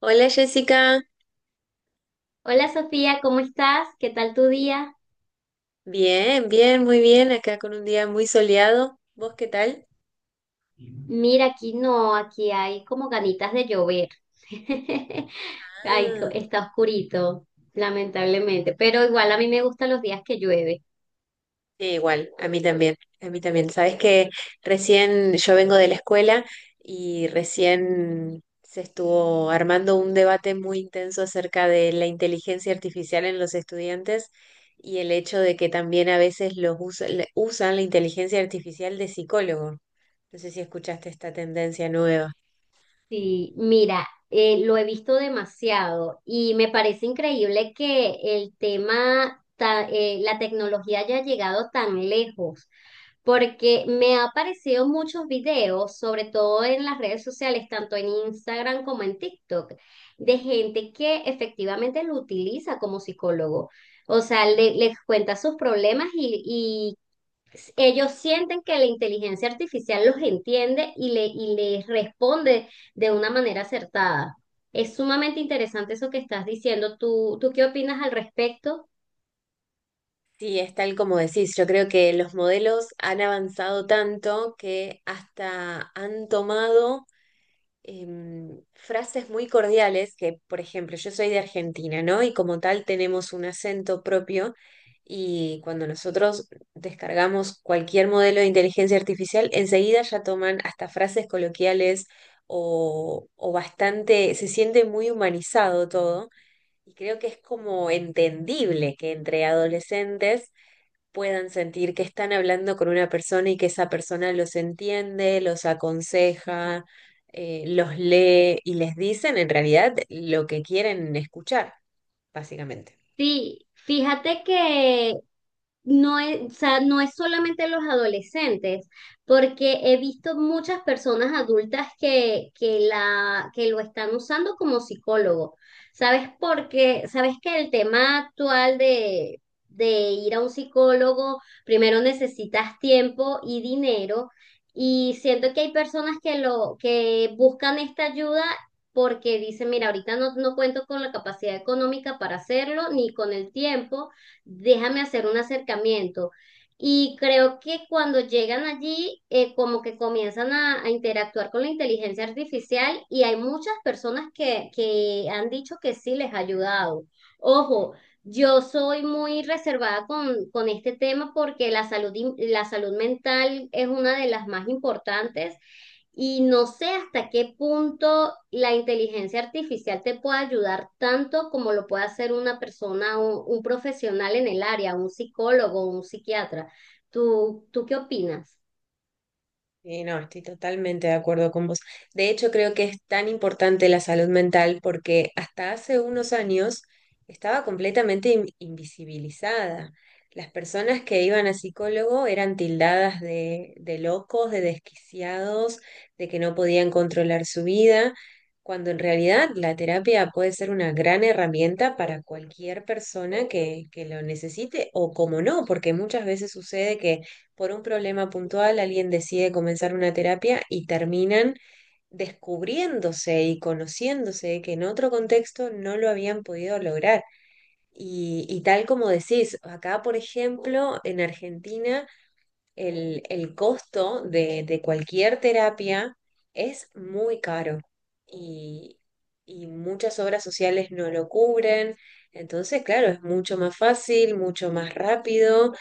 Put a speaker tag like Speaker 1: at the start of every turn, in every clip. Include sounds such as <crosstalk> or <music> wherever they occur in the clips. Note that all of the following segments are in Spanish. Speaker 1: Hola Jessica,
Speaker 2: Hola Sofía, ¿cómo estás? ¿Qué tal tu día?
Speaker 1: bien, bien, muy bien, acá con un día muy soleado. ¿Vos qué tal?
Speaker 2: Mira, aquí no, aquí hay como ganitas de llover. <laughs> Ay,
Speaker 1: Ah,
Speaker 2: está oscurito, lamentablemente, pero igual a mí me gustan los días que llueve.
Speaker 1: sí, igual, a mí también, a mí también. Sabes que recién yo vengo de la escuela y recién se estuvo armando un debate muy intenso acerca de la inteligencia artificial en los estudiantes y el hecho de que también a veces usan la inteligencia artificial de psicólogo. No sé si escuchaste esta tendencia nueva.
Speaker 2: Sí, mira, lo he visto demasiado y me parece increíble que el tema, la tecnología haya llegado tan lejos, porque me ha aparecido muchos videos, sobre todo en las redes sociales, tanto en Instagram como en TikTok, de gente que efectivamente lo utiliza como psicólogo. O sea, les cuenta sus problemas, ellos sienten que la inteligencia artificial los entiende y les responde de una manera acertada. Es sumamente interesante eso que estás diciendo. ¿Tú ¿qué opinas al respecto?
Speaker 1: Sí, es tal como decís. Yo creo que los modelos han avanzado tanto que hasta han tomado frases muy cordiales que, por ejemplo, yo soy de Argentina, ¿no? Y como tal tenemos un acento propio y cuando nosotros descargamos cualquier modelo de inteligencia artificial, enseguida ya toman hasta frases coloquiales o bastante, se siente muy humanizado todo. Y creo que es como entendible que entre adolescentes puedan sentir que están hablando con una persona y que esa persona los entiende, los aconseja, los lee y les dicen en realidad lo que quieren escuchar, básicamente.
Speaker 2: Sí, fíjate que no es, o sea, no es solamente los adolescentes, porque he visto muchas personas adultas que lo están usando como psicólogo. ¿Sabes por qué? ¿Sabes que el tema actual de ir a un psicólogo, primero necesitas tiempo y dinero? Y siento que hay personas que lo que buscan esta ayuda porque dice, mira, ahorita no, no cuento con la capacidad económica para hacerlo, ni con el tiempo, déjame hacer un acercamiento. Y creo que cuando llegan allí, como que comienzan a interactuar con la inteligencia artificial y hay muchas personas que han dicho que sí les ha ayudado. Ojo, yo soy muy reservada con este tema porque la la salud mental es una de las más importantes y no sé hasta qué punto la inteligencia artificial te puede ayudar tanto como lo puede hacer una persona, un profesional en el área, un psicólogo, un psiquiatra. ¿Tú ¿qué opinas?
Speaker 1: Sí, no, estoy totalmente de acuerdo con vos. De hecho, creo que es tan importante la salud mental porque hasta hace unos años estaba completamente invisibilizada. Las personas que iban a psicólogo eran tildadas de locos, de desquiciados, de que no podían controlar su vida, cuando en realidad la terapia puede ser una gran herramienta para cualquier persona que lo necesite o como no, porque muchas veces sucede que por un problema puntual alguien decide comenzar una terapia y terminan descubriéndose y conociéndose que en otro contexto no lo habían podido lograr. Y tal como decís, acá, por ejemplo, en Argentina, el costo de cualquier terapia es muy caro y, y muchas obras sociales no lo cubren. Entonces, claro, es mucho más fácil, mucho más rápido,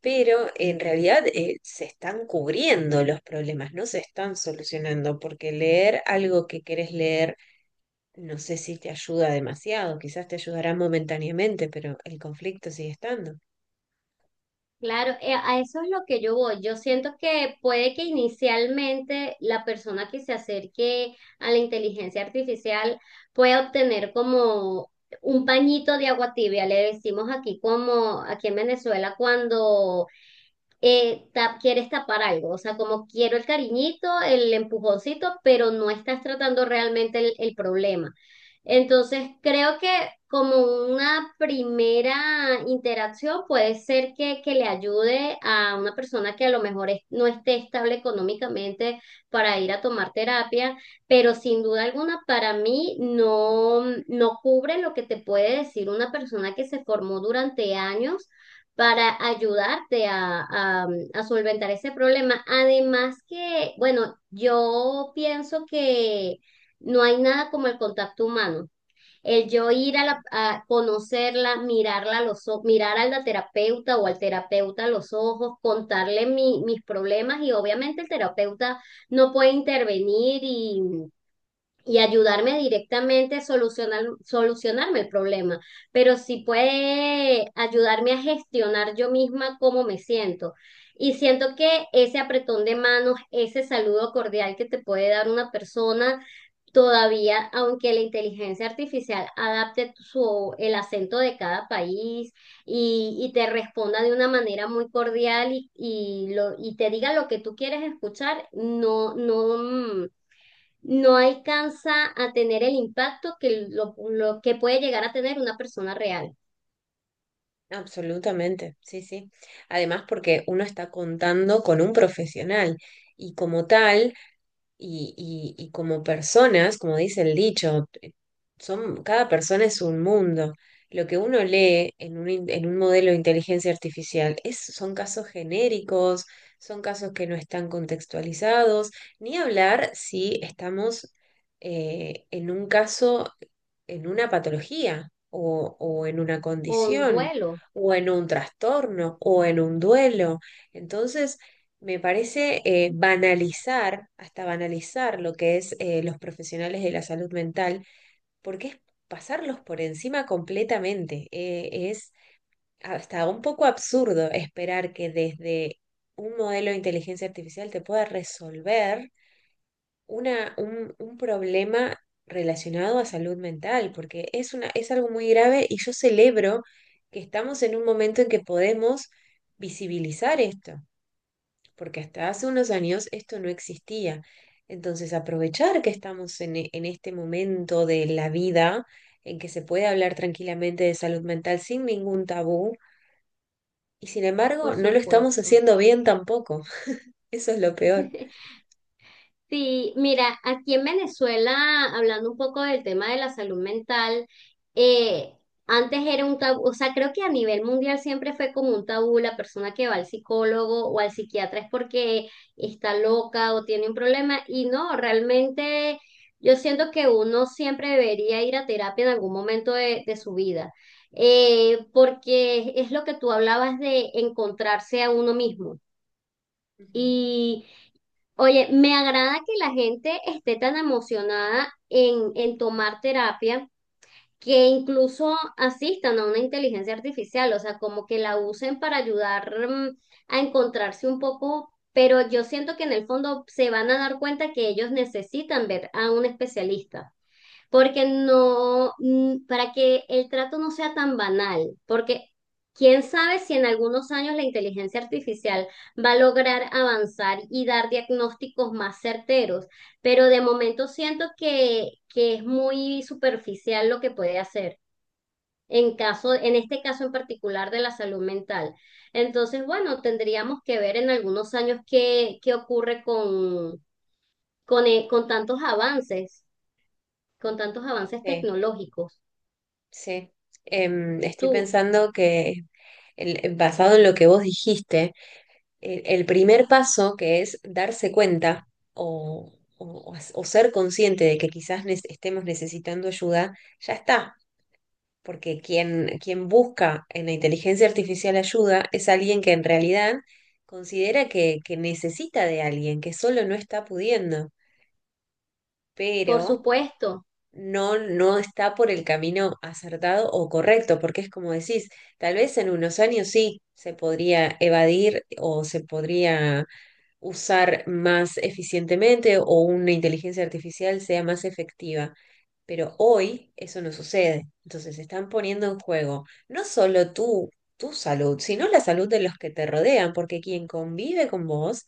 Speaker 1: pero en realidad se están cubriendo los problemas, no se están solucionando, porque leer algo que querés leer, no sé si te ayuda demasiado, quizás te ayudará momentáneamente, pero el conflicto sigue estando.
Speaker 2: Claro, a eso es lo que yo voy. Yo siento que puede que inicialmente la persona que se acerque a la inteligencia artificial pueda obtener como un pañito de agua tibia, le decimos aquí, como aquí en Venezuela, cuando quieres tapar algo, o sea, como quiero el cariñito, el empujoncito, pero no estás tratando realmente el problema. Entonces, creo que como una primera interacción puede ser que le ayude a una persona que a lo mejor no esté estable económicamente para ir a tomar terapia, pero sin duda alguna para mí no, no cubre lo que te puede decir una persona que se formó durante años para ayudarte a solventar ese problema. Además que, bueno, yo pienso que no hay nada como el contacto humano. El yo ir a conocerla, mirarla a los ojos, mirar a la terapeuta o al terapeuta a los ojos, contarle mis problemas y obviamente el terapeuta no puede intervenir y ayudarme directamente a solucionarme el problema, pero sí puede ayudarme a gestionar yo misma cómo me siento. Y siento que ese apretón de manos, ese saludo cordial que te puede dar una persona, todavía, aunque la inteligencia artificial adapte el acento de cada país y te responda de una manera muy cordial y te diga lo que tú quieres escuchar, no, no, no alcanza a tener el impacto que lo que puede llegar a tener una persona real
Speaker 1: Absolutamente, sí, sí. Además, porque uno está contando con un profesional y como tal, y como personas, como dice el dicho, son, cada persona es un mundo. Lo que uno lee en en un modelo de inteligencia artificial es, son casos genéricos, son casos que no están contextualizados, ni hablar si estamos en un caso, en una patología o en una
Speaker 2: o un
Speaker 1: condición
Speaker 2: duelo,
Speaker 1: o en un trastorno o en un duelo. Entonces, me parece banalizar, hasta banalizar lo que es los profesionales de la salud mental porque es pasarlos por encima completamente. Es hasta un poco absurdo esperar que desde un modelo de inteligencia artificial te pueda resolver un problema relacionado a salud mental, porque es una, es algo muy grave y yo celebro que estamos en un momento en que podemos visibilizar esto porque hasta hace unos años esto no existía. Entonces, aprovechar que estamos en este momento de la vida en que se puede hablar tranquilamente de salud mental sin ningún tabú, y sin
Speaker 2: por
Speaker 1: embargo, no lo estamos
Speaker 2: supuesto.
Speaker 1: haciendo bien tampoco. <laughs> Eso es lo peor.
Speaker 2: <laughs> Sí, mira, aquí en Venezuela, hablando un poco del tema de la salud mental, eh, antes era un tabú, o sea, creo que a nivel mundial siempre fue como un tabú, la persona que va al psicólogo o al psiquiatra es porque está loca o tiene un problema, y no, realmente yo siento que uno siempre debería ir a terapia en algún momento de su vida, porque es lo que tú hablabas de encontrarse a uno mismo.
Speaker 1: Ujú.
Speaker 2: Oye, me agrada que la gente esté tan emocionada en tomar terapia, que incluso asistan a una inteligencia artificial, o sea, como que la usen para ayudar, a encontrarse un poco, pero yo siento que en el fondo se van a dar cuenta que ellos necesitan ver a un especialista porque no, para que el trato no sea tan banal, porque quién sabe si en algunos años la inteligencia artificial va a lograr avanzar y dar diagnósticos más certeros, pero de momento siento que es muy superficial lo que puede hacer. En caso, en este caso en particular de la salud mental. Entonces, bueno, tendríamos que ver en algunos años qué ocurre con con tantos avances
Speaker 1: Sí,
Speaker 2: tecnológicos.
Speaker 1: sí. Estoy
Speaker 2: Tú,
Speaker 1: pensando que basado en lo que vos dijiste, el primer paso, que es darse cuenta o, o ser consciente de que quizás estemos necesitando ayuda, ya está. Porque quien busca en la inteligencia artificial ayuda es alguien que en realidad considera que necesita de alguien, que solo no está pudiendo,
Speaker 2: por
Speaker 1: pero
Speaker 2: supuesto.
Speaker 1: no, no está por el camino acertado o correcto, porque es como decís, tal vez en unos años sí se podría evadir o se podría usar más eficientemente o una inteligencia artificial sea más efectiva. Pero hoy eso no sucede. Entonces están poniendo en juego no solo tú, tu salud, sino la salud de los que te rodean, porque quien convive con vos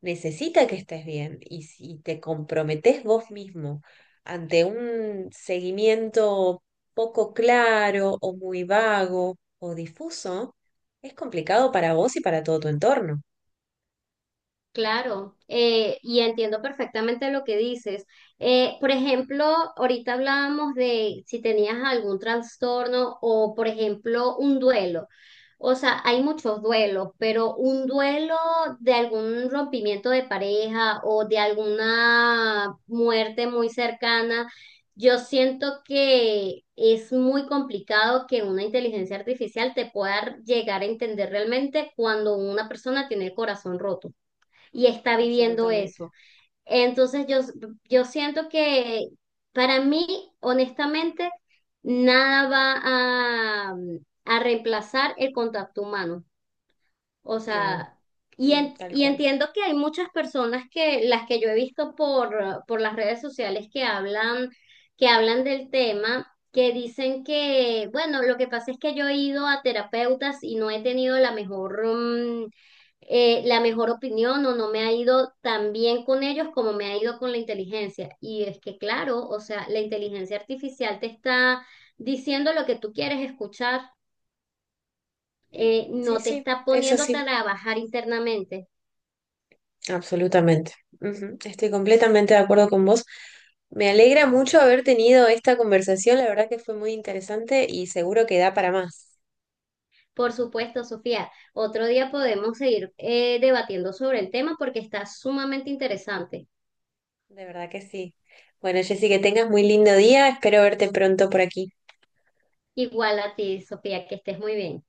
Speaker 1: necesita que estés bien. Y si te comprometés vos mismo ante un seguimiento poco claro o muy vago o difuso, es complicado para vos y para todo tu entorno.
Speaker 2: Claro, y entiendo perfectamente lo que dices. Por ejemplo, ahorita hablábamos de si tenías algún trastorno o, por ejemplo, un duelo. O sea, hay muchos duelos, pero un duelo de algún rompimiento de pareja o de alguna muerte muy cercana, yo siento que es muy complicado que una inteligencia artificial te pueda llegar a entender realmente cuando una persona tiene el corazón roto y está viviendo
Speaker 1: Absolutamente.
Speaker 2: eso. Entonces yo, yo siento que para mí, honestamente, nada a reemplazar el contacto humano. O
Speaker 1: No,
Speaker 2: sea,
Speaker 1: mm, tal
Speaker 2: y
Speaker 1: cual.
Speaker 2: entiendo que hay muchas personas las que yo he visto por las redes sociales que hablan del tema, que dicen que, bueno, lo que pasa es que yo he ido a terapeutas y no he tenido la mejor, la mejor opinión o no me ha ido tan bien con ellos como me ha ido con la inteligencia. Y es que, claro, o sea, la inteligencia artificial te está diciendo lo que tú quieres escuchar,
Speaker 1: Sí, sí,
Speaker 2: no te
Speaker 1: sí,
Speaker 2: está
Speaker 1: es
Speaker 2: poniendo a
Speaker 1: así,
Speaker 2: trabajar internamente.
Speaker 1: absolutamente. Ujú, estoy completamente de acuerdo con vos. Me alegra mucho haber tenido esta conversación, la verdad que fue muy interesante y seguro que da para más,
Speaker 2: Por supuesto, Sofía, otro día podemos seguir debatiendo sobre el tema porque está sumamente interesante.
Speaker 1: de verdad que sí. Bueno, Jessy, que tengas muy lindo día, espero verte pronto por aquí.
Speaker 2: Igual a ti, Sofía, que estés muy bien.